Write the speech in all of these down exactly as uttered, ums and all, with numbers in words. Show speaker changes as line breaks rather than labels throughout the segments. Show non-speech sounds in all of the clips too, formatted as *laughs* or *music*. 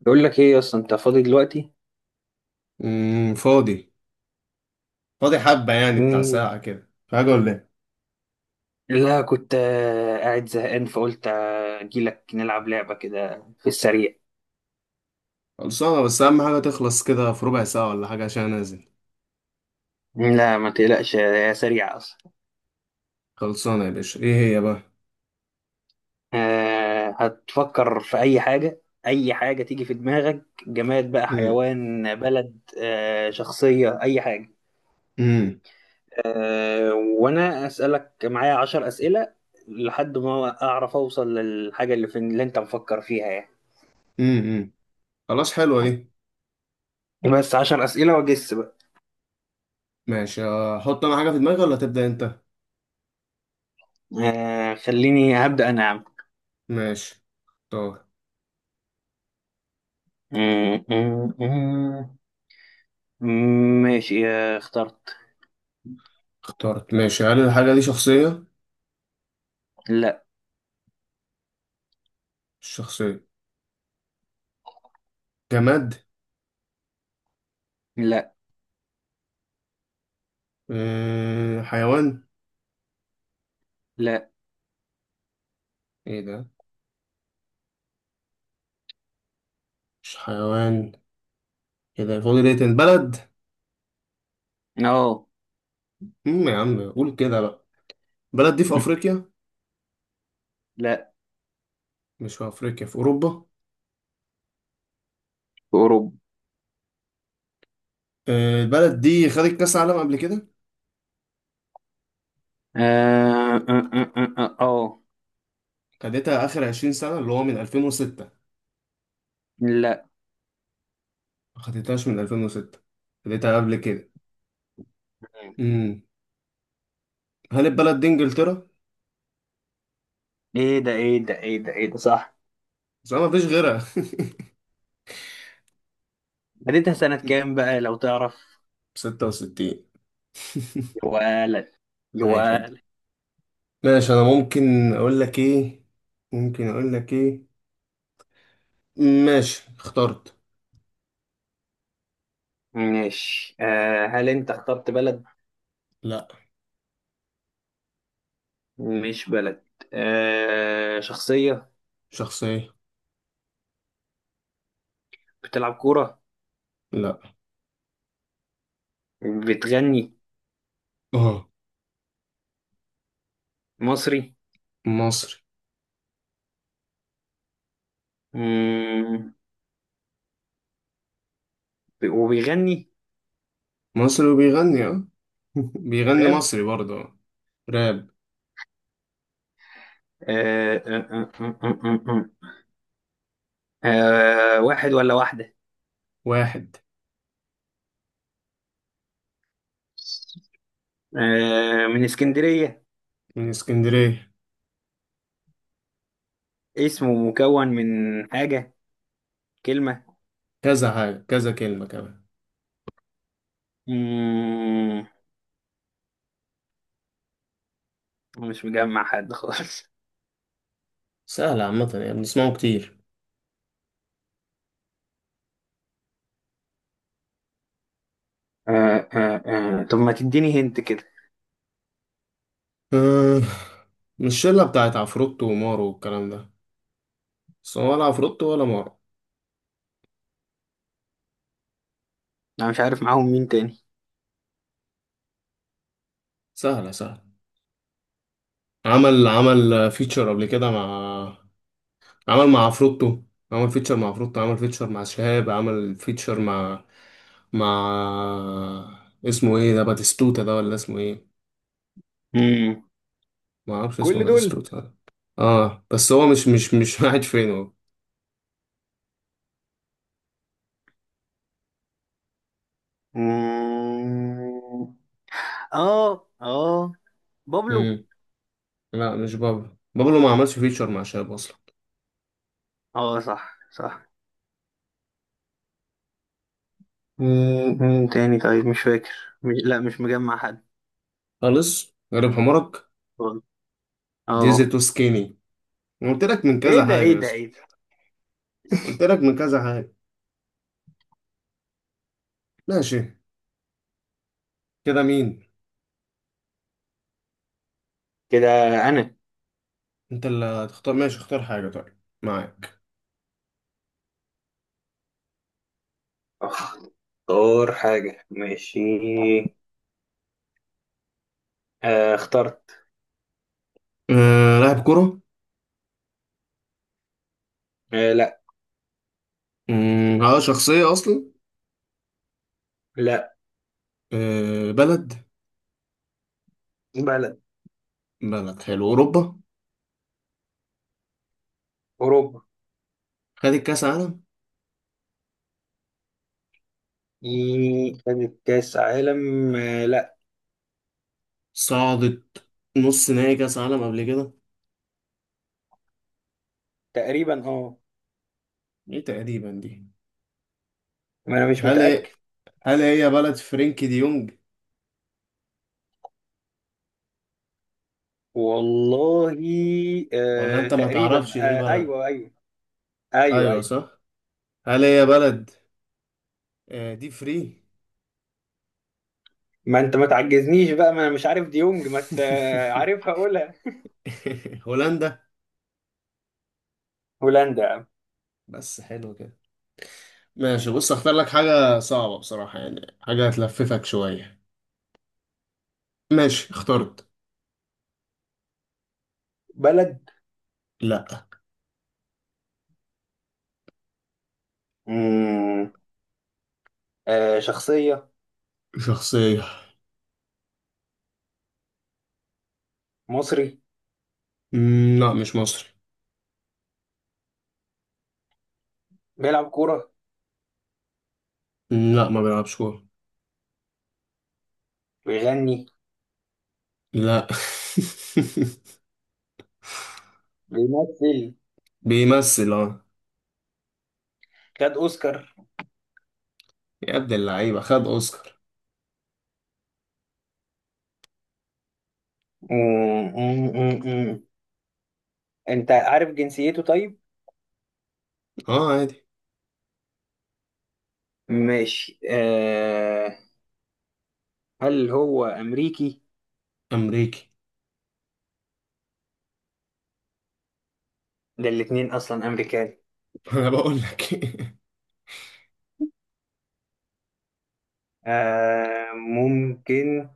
بقول لك ايه اصلا انت فاضي دلوقتي؟
امم فاضي. فاضي حبة، يعني بتاع
مم.
ساعة كده، في حاجة ولا ايه؟
لا، كنت آه، قاعد زهقان فقلت آه، اجيلك نلعب لعبة كده في السريع.
خلصانة، بس أهم حاجة تخلص كده في ربع ساعة ولا حاجة عشان أنزل.
لا، ما تقلقش، هي سريعة اصلا.
خلصانة يا باشا. إيه هي بقى؟
آه، هتفكر في اي حاجة، اي حاجة تيجي في دماغك، جماد بقى،
امم
حيوان، بلد، آه، شخصية، اي حاجة.
امم
آه، وانا اسألك معايا عشر اسئلة لحد ما اعرف اوصل للحاجة اللي في اللي انت مفكر فيها يعني.
امم خلاص، حلوة دي.
بس عشر اسئلة واجس.
ماشي، أحط أنا حاجة في دماغي ولا تبدأ أنت؟
آه، خليني هبدأ أنا يا عم.
ماشي، اختار.
م- م- م- ماشي، آه، اخترت.
اخترت. ماشي، هل الحاجة دي شخصية؟
لا.
مش شخصية. جماد؟
لا.
أه، حيوان؟
لا.
إيه ده؟ مش حيوان؟ كده فاضي ليه؟ تاني، بلد؟
أه.
امم يا عم قول كده بقى. بلد دي في أفريقيا؟
لا.
مش في أفريقيا، في أوروبا.
في أوروبا.
آه، البلد دي خدت كأس عالم قبل كده؟
آه. آه، آه، آه، أه، أو.
خدتها آخر عشرين سنة، اللي هو من ألفين وستة؟
لا.
ما خدتهاش من ألفين وستة، خدتها قبل كده. امم هل البلد دي إنجلترا؟
إيه ده، إيه ده، إيه ده، إيه ده، صح!
بس أنا مفيش غيرها.
بديتها سنة كام
*laughs*
بقى لو تعرف؟
ستة وستين. *laughs*
يا ولد، يا
أي خدمة.
ولد!
ماشي، أنا ممكن أقول لك إيه ممكن أقول لك إيه؟ ماشي، اخترت.
ماشي. آه هل أنت اخترت بلد؟
لا.
مش بلد. آه، شخصية؟
شخصية.
بتلعب كورة؟
لا.
بتغني؟
اه.
مصري؟
مصري.
مم. وبيغني؟
مصري وبيغني، اه. *laughs* بيغني
راب؟
مصري برضه، آه. راب.
آه، آه، آه، آه، آه، آه، آه، آه. آه، واحد ولا واحدة؟
واحد
آه، من اسكندرية؟
من اسكندرية.
اسمه مكون من حاجة كلمة؟
كذا حاجة، كذا كلمة كمان.
مم، مش مجمع حد خالص.
سهلة عامة يعني، بنسمعه كتير.
آه، آه، آه، طب ما تديني هنت كده.
آه، مش الشلة بتاعت عفروتو ومارو والكلام ده؟ بس هو ولا عفروتو ولا مارو.
أنا مش عارف معاهم مين تاني.
سهلة، سهلة. عمل عمل فيتشر قبل كده مع. عمل مع عفروتو. عمل فيتشر مع عفروتو، عمل فيتشر مع شهاب، عمل فيتشر مع مع اسمه ايه ده؟ باتيستوتا ده ولا اسمه ايه؟
مم.
ما اعرفش اسمه
كل دول؟
باتيستوتا ده. اه، بس هو مش مش مش *laughs* قاعد فين هو؟
مم. اه، اه، بابلو؟
مم. لا، مش بابلو. بابلو ما عملش فيتشر مع شهاب اصلا.
اه، صح، صح. مم. مين تاني طيب؟ مش فاكر. مش لا، مش مجمع حد.
خالص، غريب حمارك. ديزل
اه.
تو سكيني. أنا قلت لك من
ايه
كذا
ده،
حاجة
ايه
يا
ده،
اسطى.
ايه ده!
قلت لك من كذا حاجة. ماشي، كده مين؟
كده انا.
انت اللي هتختار. ماشي، اختار حاجة طيب، معاك.
اختار حاجة، ماشي. آه، اخترت.
أه، لاعب كرة؟
آه، لا.
مم، اه، شخصية أصلا؟
لا.
أه، بلد؟
بلد.
بلد، حلو. أوروبا؟
اوروبا.
خدت كأس عالم؟
إيه، خدت كاس عالم. آه لا،
صعدت نص نهائي كأس عالم قبل كده؟
تقريبا. اه.
ايه تقريبا دي؟
ما انا مش
هل
متأكد.
هل هي بلد فرينكي دي يونج؟
والله.
ولا
آه،
انت ما
تقريبا،
تعرفش ايه
آه
بلد؟
ايوه، ايوه. ايوه،
ايوه،
ايوه.
صح. هل هي بلد، آه، دي فري.
ما انت ما تعجزنيش بقى، ما انا مش عارف ديونج، ما ت- آه، عارفها
*laughs*
اقولها.
هولندا.
هولندا يا عم.
بس حلو كده. ماشي، بص، اختار لك حاجة صعبة بصراحة يعني، حاجة هتلففك شوية. ماشي، اخترت.
بلد؟
لا.
مم، آه، شخصية؟
شخصية.
مصري؟
مم، لا، مش مصري.
بيلعب كورة؟
مم، لا، ما بيلعبش كورة.
بيغني؟
لا. *laughs*
بيمثل؟
بيمثل، اه.
خد اوسكار؟
يا ابن اللعيبة، خد اوسكار.
أمم، أمم، أمم. انت عارف جنسيته طيب؟
اه، عادي.
ماشي. آه هل هو امريكي؟
امريكي.
ده الاتنين اصلا امريكان.
*laughs* انا بقول لك.
آه، ممكن.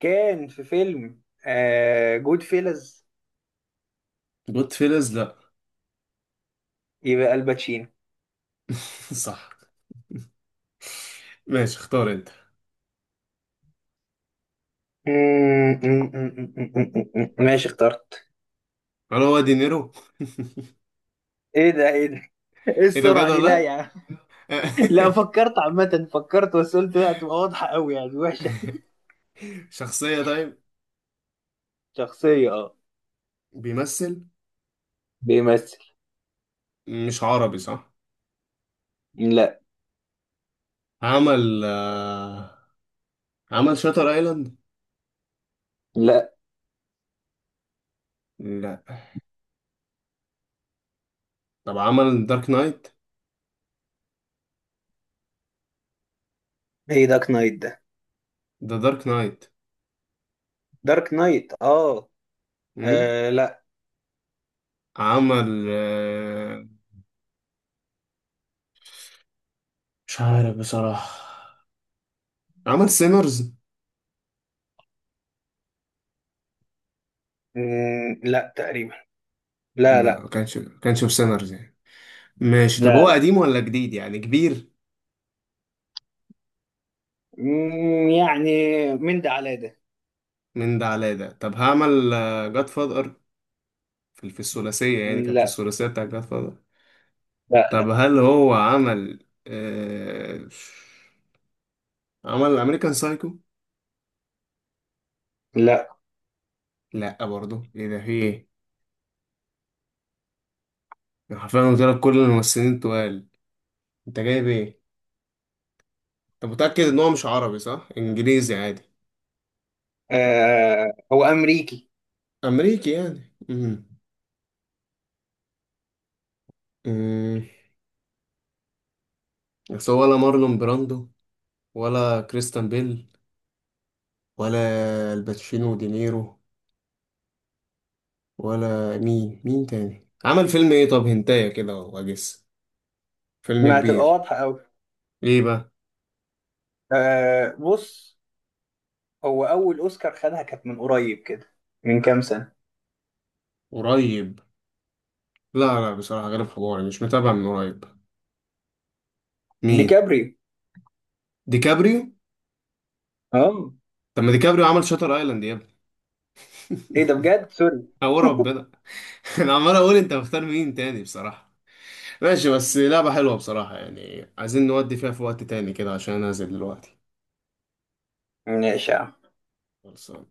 كان في فيلم آه جود فيلز؟
*laughs* جود فيلز؟ لا.
يبقى الباتشينو.
*laughs* صح. ماشي، اختار انت.
أمم، أمم، أمم، أمم، أمم، أمم. ماشي، اخترت.
هل هو دينيرو؟
ايه ده، ايه ده! ايه
ايه ده؟ بجد
السرعة دي؟ لا يا
ولا؟
عم.
*laughs*
لا، فكرت عامة، فكرت، بس قلت لا، تبقى واضحة قوي يعني وحشة.
شخصية، طيب.
شخصية، اه.
بيمثل؟
بيمثل.
مش عربي، صح؟
لا،
عمل آه، عمل شاتر ايلاند؟
لا.
لا. طب، عمل دارك نايت؟
ايه دارك نايت ده؟
ده دارك نايت.
دارك نايت، اه.
مم؟
آه، لا.
عمل، آه، مش عارف بصراحة. عمل سينرز؟
مم، لا، تقريبا. لا،
لا،
لا.
ما كانش ما كانش في سينرز يعني. ماشي، طب
لا،
هو
لا.
قديم ولا جديد يعني كبير؟
مم، يعني من ده على ده.
من ده على ده. طب، هعمل جاد فاذر. في في الثلاثية يعني، كان في
لا،
الثلاثية بتاع جاد فاذر؟
لا.
طب،
لا،
هل هو عمل آه... عمل امريكان سايكو؟
لا.
لا برضه. ايه ده؟ في ايه؟ يعني حرفيا قلت لك كل الممثلين التقال. انت جايب ايه؟ انت متأكد ان هو مش عربي صح؟ انجليزي عادي؟
آه، هو امريكي.
امريكي يعني، امم امم بس هو ولا مارلون براندو، ولا كريستان بيل، ولا الباتشينو ودينيرو، ولا مين مين تاني عمل فيلم ايه؟ طب هنتايا كده واجس. فيلم
ما هتبقى
كبير.
واضحة قوي.
ايه بقى؟
آه، بص. هو اول اوسكار خدها كانت من قريب كده. من كام سنة؟
قريب؟ لا، لا، بصراحة غير حواري مش متابع من قريب. مين؟
ديكابريو.
ديكابريو؟
اه.
طب ما ديكابريو عمل شاتر ايلاند يا ابني!
ايه ده بجد؟ سوري.
*laughs* او ربنا. *laughs* انا عمال اقول انت مختار مين تاني بصراحة. ماشي، بس لعبة حلوة بصراحة يعني، عايزين نودي فيها في وقت تاني كده عشان أنا نازل دلوقتي.
*laughs* ماشي يا عم.
خلاص.